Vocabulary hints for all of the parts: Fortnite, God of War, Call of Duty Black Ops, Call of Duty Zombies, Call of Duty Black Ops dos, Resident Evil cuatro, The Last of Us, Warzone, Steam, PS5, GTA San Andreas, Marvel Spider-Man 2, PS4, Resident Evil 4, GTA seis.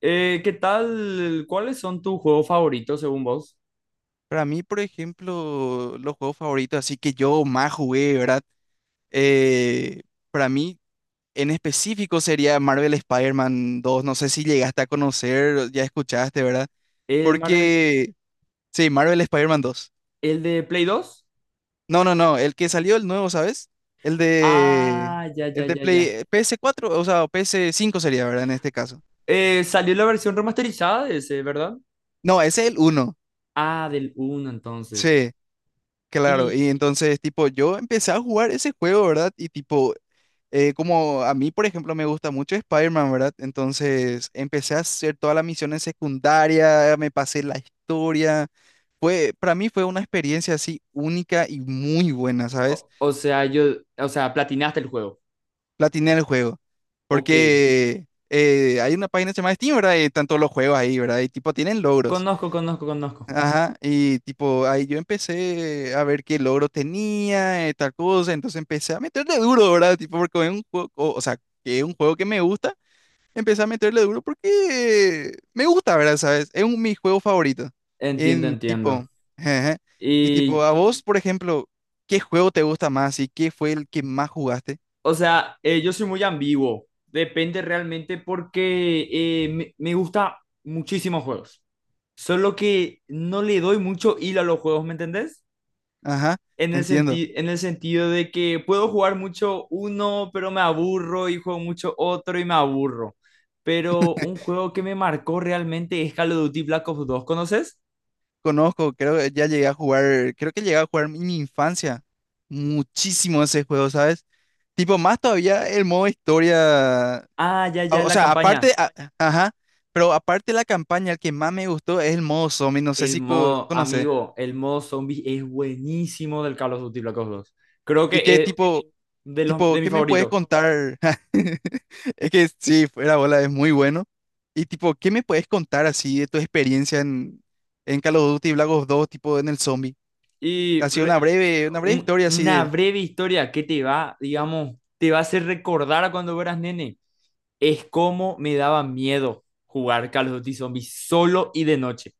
¿Qué tal? ¿Cuáles son tus juegos favoritos según vos? Para mí, por ejemplo, los juegos favoritos, así que yo más jugué, ¿verdad? Eh, para mí, en específico, sería Marvel Spider-Man 2. No sé si llegaste a conocer, ya escuchaste, ¿verdad? El Marvel, Porque, sí, Marvel Spider-Man 2. el de Play 2. No, no, no, el que salió el nuevo, ¿sabes? El de, Ah, ya, ya, el de ya, ya. Play, PS4, o sea, PS5 sería, ¿verdad? En este caso. Salió la versión remasterizada de ese, ¿verdad? No, ese es el uno. Ah, del uno, entonces. Sí. Claro, Y, y entonces, tipo, yo empecé a jugar ese juego, ¿verdad? Y tipo, como a mí, por ejemplo, me gusta mucho Spider-Man, ¿verdad? Entonces, empecé a hacer todas las misiones secundarias, me pasé la historia. Para mí fue una experiencia así única y muy buena, ¿sabes? o, o sea, yo, o sea, platinaste el juego. Platiné el juego. Ok. Porque hay una página que se llama Steam, ¿verdad? Y están todos los juegos ahí, ¿verdad? Y tipo, tienen logros. Conozco, conozco, conozco. Ajá, y tipo, ahí yo empecé a ver qué logro tenía, tal cosa, entonces empecé a meterle duro, ¿verdad? Tipo, porque es un juego, o sea, que es un juego que me gusta, empecé a meterle duro porque me gusta, ¿verdad? ¿Sabes? Mi juego favorito. Entiendo, En tipo, entiendo. ajá. Y tipo, Y, a vos, por ejemplo, ¿qué juego te gusta más y qué fue el que más jugaste? o sea, yo soy muy ambiguo. Depende realmente porque me gusta muchísimos juegos. Solo que no le doy mucho hilo a los juegos, ¿me entendés? Ajá, entiendo. En el sentido de que puedo jugar mucho uno, pero me aburro y juego mucho otro y me aburro. Pero un juego que me marcó realmente es Call of Duty Black Ops 2, ¿conoces? Conozco, creo que ya llegué a jugar, creo que llegué a jugar en mi infancia muchísimo ese juego, ¿sabes? Tipo, más todavía el modo historia. Ah, ya, ya, O la sea, aparte, campaña. Ajá, pero aparte de la campaña, el que más me gustó es el modo zombie, no sé El si modo, conoces. amigo, el modo zombie es buenísimo del Call of Duty Black Ops 2. Creo Y que que es tipo, de los tipo, de ¿qué mis me puedes favoritos. contar? Es que sí, fuera bola, es muy bueno. Y tipo, ¿qué me puedes contar así de tu experiencia en Call of Duty Black Ops dos, tipo en el zombie? Y Así re- una breve historia así una de. breve historia que te va, digamos, te va a hacer recordar a cuando eras nene. Es como me daba miedo jugar Call of Duty Zombies solo y de noche.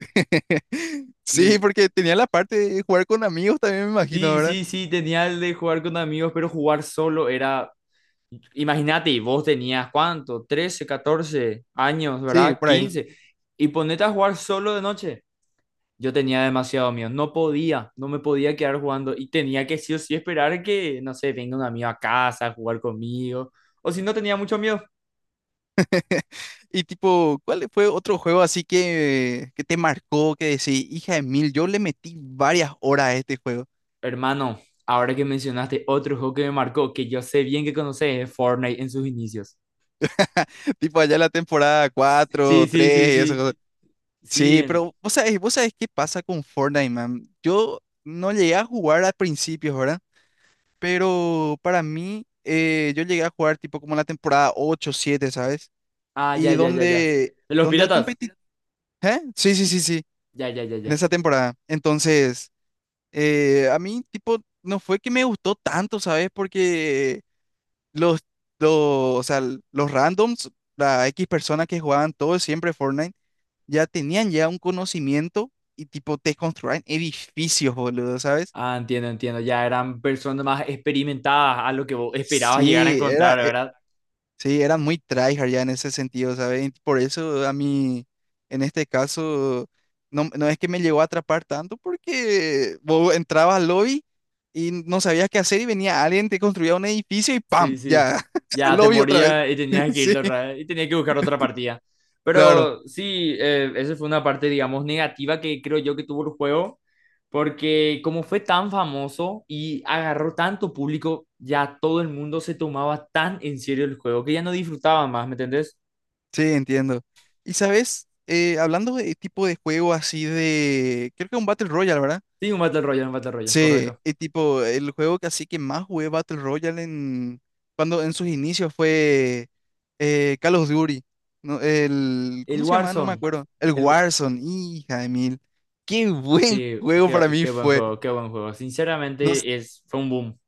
Sí, Me- porque tenía la parte de jugar con amigos también, me imagino, Sí, ¿verdad? sí, sí, tenía el de jugar con amigos, pero jugar solo era... Imagínate, y vos tenías cuánto, ¿13 14 años, Sí, ¿verdad? por ahí. 15. Y ponete a jugar solo de noche. Yo tenía demasiado miedo, no podía, no me podía quedar jugando y tenía que sí o sí esperar que, no sé, venga un amigo a casa a jugar conmigo, o si no tenía mucho miedo. Y tipo, ¿cuál fue otro juego así que te marcó, que decís, hija de mil, yo le metí varias horas a este juego? Hermano, ahora que mencionaste otro juego que me marcó, que yo sé bien que conoces, es Fortnite en sus inicios. Tipo allá la temporada Sí, cuatro sí, sí, 3 y esas sí, cosas. sí, Sí, en- pero vos sabés qué pasa con Fortnite, man. Yo no llegué a jugar al principio, ¿verdad? Pero para mí, yo llegué a jugar tipo como la temporada 8 siete, ¿sabes? Ah, ya, Y ya, ya, ya. ¿De los donde el piratas? competitivo... ¿Eh? Sí, sí, sí, sí, Ya, ya, ya, en ya. esa temporada. Entonces... A mí, tipo, no fue que me gustó tanto, ¿sabes? Porque los, o sea, los randoms, la X personas que jugaban todo siempre Fortnite, ya tenían ya un conocimiento y, tipo, te construían edificios, boludo, ¿sabes? Ah, entiendo, entiendo, ya eran personas más experimentadas a lo que vos esperabas llegar a Sí, encontrar, era, ¿verdad? Sí, eran muy tryhard ya en ese sentido, ¿sabes? Por eso a mí, en este caso, no, no es que me llegó a atrapar tanto porque vos entrabas al lobby y no sabías qué hacer y venía alguien, te construía un edificio y ¡pam! Sí, sí. Ya, al Ya te lobby otra vez. moría y tenías que Sí, irte otra vez y tenías que buscar otra partida. claro, Pero sí, esa fue una parte, digamos, negativa que creo yo que tuvo el juego, porque como fue tan famoso y agarró tanto público, ya todo el mundo se tomaba tan en serio el juego que ya no disfrutaba más, ¿me entendés? sí, entiendo. Y sabes, hablando de tipo de juego así de, creo que un Battle Royale, ¿verdad? Sí, un Battle Royale, Sí, correcto. y tipo, el juego que así que más jugué Battle Royale cuando en sus inicios fue Call of Duty. No, el, El ¿cómo se llamaba? No me Warzone, acuerdo. El el... Warzone, hija de mil. Qué buen Qué, juego para qué, mí qué buen fue. juego, qué buen juego. No, Sinceramente, es, fue un boom.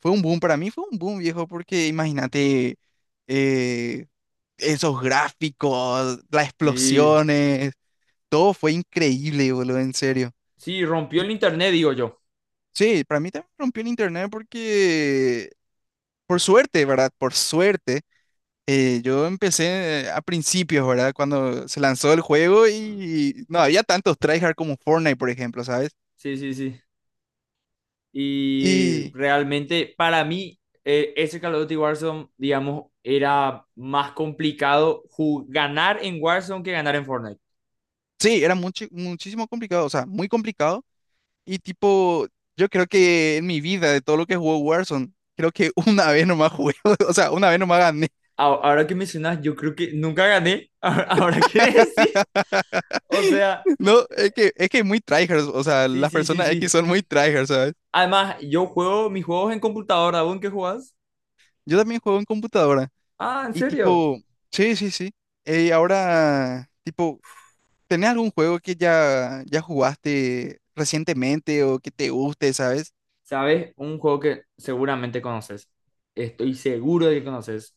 fue un boom, para mí fue un boom, viejo, porque imagínate eh, esos gráficos, las Sí, explosiones, todo fue increíble, boludo, en serio. sí, rompió Y el internet, digo yo. sí, para mí también rompió el internet porque, por suerte, ¿verdad? Por suerte, yo empecé a principios, ¿verdad? Cuando se lanzó el juego y no había tantos tryhard como Fortnite, por ejemplo, ¿sabes? Sí, sí, sí. Y Y realmente para mí ese Call of Duty Warzone, digamos, era más complicado ganar en Warzone que ganar en Fortnite. sí, era mucho, muchísimo complicado, o sea, muy complicado. Y tipo, yo creo que en mi vida, de todo lo que jugó Warzone, creo que una vez nomás jugué, o sea, una vez nomás gané. Ahora que mencionas, yo creo que nunca gané. Ahora que decís. O sea, No, es que muy tryhards, o sea, sí, las sí, sí, personas X sí. son muy tryhards, ¿sabes? Además, yo juego mis juegos en computadora. ¿Aún qué jugás? Yo también juego en computadora. Ah, ¿en Y serio? tipo, sí, sí, sí. Ahora, tipo, ¿tenés algún juego que ya jugaste recientemente o que te guste, sabes? ¿Sabes? Un juego que seguramente conoces. Estoy seguro de que conoces.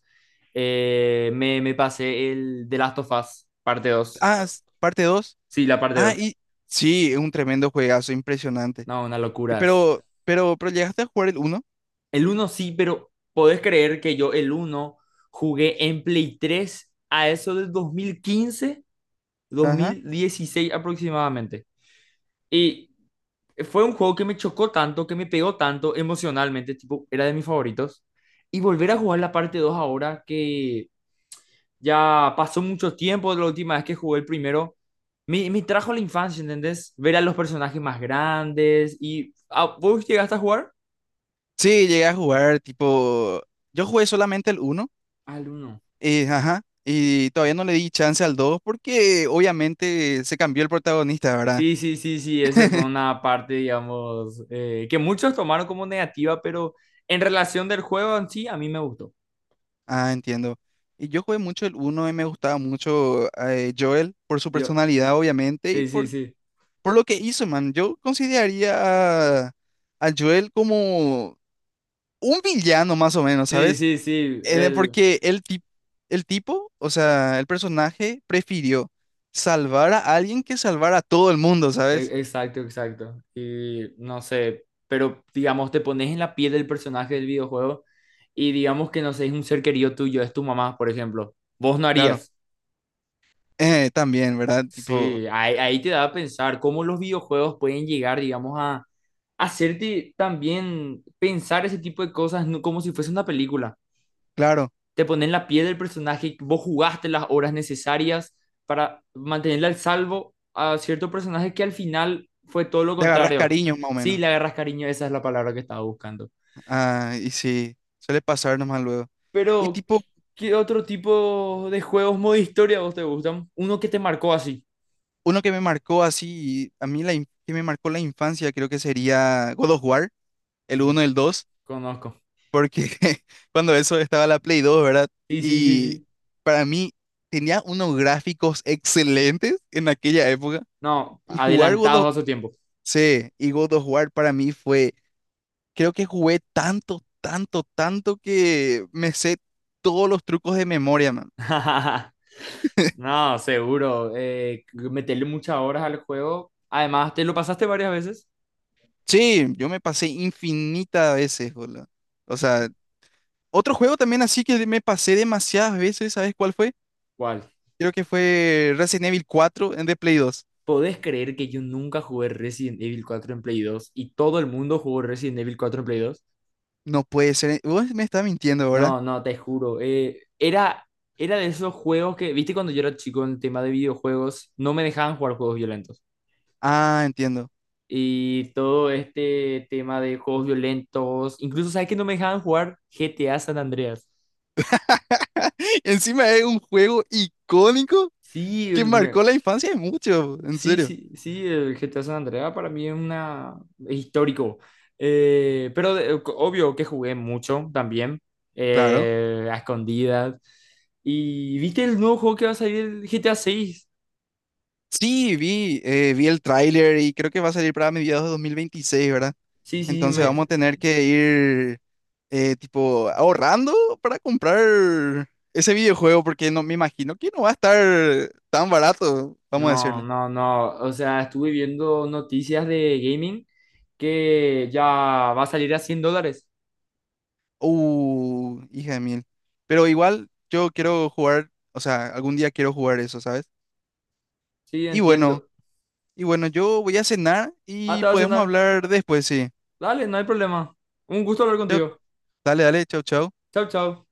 Me pasé el The Last of Us, parte 2. Ah, parte dos. Sí, la parte Ah, dos, y sí, es un tremendo juegazo, impresionante. No, una Y locura es. Pero llegaste a jugar el uno. El uno sí, pero podés creer que yo el uno jugué en Play 3 a eso del 2015, dos Ajá. mil dieciséis aproximadamente. Y fue un juego que me chocó tanto, que me pegó tanto emocionalmente, tipo, era de mis favoritos. Y volver a jugar la parte 2 ahora que ya pasó mucho tiempo de la última vez que jugué el primero, me trajo a la infancia, ¿entendés? Ver a los personajes más grandes y... ah, ¿vos llegaste a jugar? Sí, llegué a jugar, tipo, yo jugué solamente el uno, ¿Al uno? Ajá. Y todavía no le di chance al 2 porque obviamente se cambió el protagonista, ¿verdad? Sí, sí, sí, sí, esa fue una parte, digamos, que muchos tomaron como negativa, pero en relación del juego en sí, a mí me gustó. Ah, entiendo. Y yo jugué mucho el uno y me gustaba mucho, Joel por su Yo, personalidad, obviamente, sí, sí, sí, por lo que hizo, man. Yo consideraría a Joel como un villano, más o menos, sí, ¿sabes? sí, sí, el, Porque el, el tipo, o sea, el personaje prefirió salvar a alguien que salvar a todo el mundo, ¿sabes? Exacto, exacto. Y no sé, pero digamos, te pones en la piel del personaje del videojuego y digamos que no sé, es un ser querido tuyo, es tu mamá, por ejemplo. Vos no Claro. harías. También, ¿verdad? Tipo, Sí, ahí, ahí te da a pensar cómo los videojuegos pueden llegar, digamos, a hacerte también pensar ese tipo de cosas como si fuese una película. claro, Te ponen la piel del personaje, vos jugaste las horas necesarias para mantenerle al salvo a cierto personaje que al final fue todo lo le agarras contrario. cariño, más o Sí, menos. le agarras cariño, esa es la palabra que estaba buscando. Ah, y sí, suele pasar nomás luego. Y Pero, tipo, ¿qué otro tipo de juegos modo historia a vos te gustan? Uno que te marcó así. uno que me marcó así, a mí la que me marcó la infancia creo que sería God of War, el uno, Di- el dos, Conozco. porque cuando eso estaba la Play dos, ¿verdad? Sí, sí, sí, Y sí. para mí tenía unos gráficos excelentes en aquella época No, y jugar adelantados a su tiempo. sí, y God of War para mí fue, creo que jugué tanto, tanto, tanto que me sé todos los trucos de memoria, man. No, seguro. Meterle muchas horas al juego. Además, ¿te lo pasaste varias veces? Sí, yo me pasé infinitas veces, boludo. O sea, otro juego también así que me pasé demasiadas veces, ¿sabes cuál fue? ¿Cuál? Creo que fue Resident Evil 4 en de Play 2. ¿Podés creer que yo nunca jugué Resident Evil 4 en Play 2 y todo el mundo jugó Resident Evil 4 en Play 2? No puede ser. Vos me estás mintiendo, ¿verdad? No, no, te juro. Era de esos juegos que, viste, cuando yo era chico en el tema de videojuegos, no me dejaban jugar juegos violentos. Ah, entiendo. Y todo este tema de juegos violentos, incluso, ¿sabes que no me dejaban jugar GTA San Andreas? Encima es un juego icónico Sí, que el me- marcó la infancia de mucho, en sí, serio. sí, sí, el GTA San Andreas para mí es una es histórico. Obvio que jugué mucho también, Claro. A escondidas. ¿Y viste el nuevo juego que va a salir, el GTA 6? Sí, vi, vi el tráiler y creo que va a salir para mediados de 2026, ¿verdad? Sí, sí, sí, Entonces vamos me... a tener que ir, tipo ahorrando para comprar ese videojuego porque no me imagino que no va a estar tan barato, vamos a No, decirle. no, no. O sea, estuve viendo noticias de gaming que ya va a salir a 100 dólares. Hija de mil. Pero igual yo quiero jugar, o sea, algún día quiero jugar eso, ¿sabes? Sí, Y bueno, entiendo. y bueno, yo voy a cenar Ah, te y va a podemos cenar. hablar después, sí. Dale, no hay problema. Un gusto hablar Yo- contigo. Dale, dale, chau, chau. Chao, chao.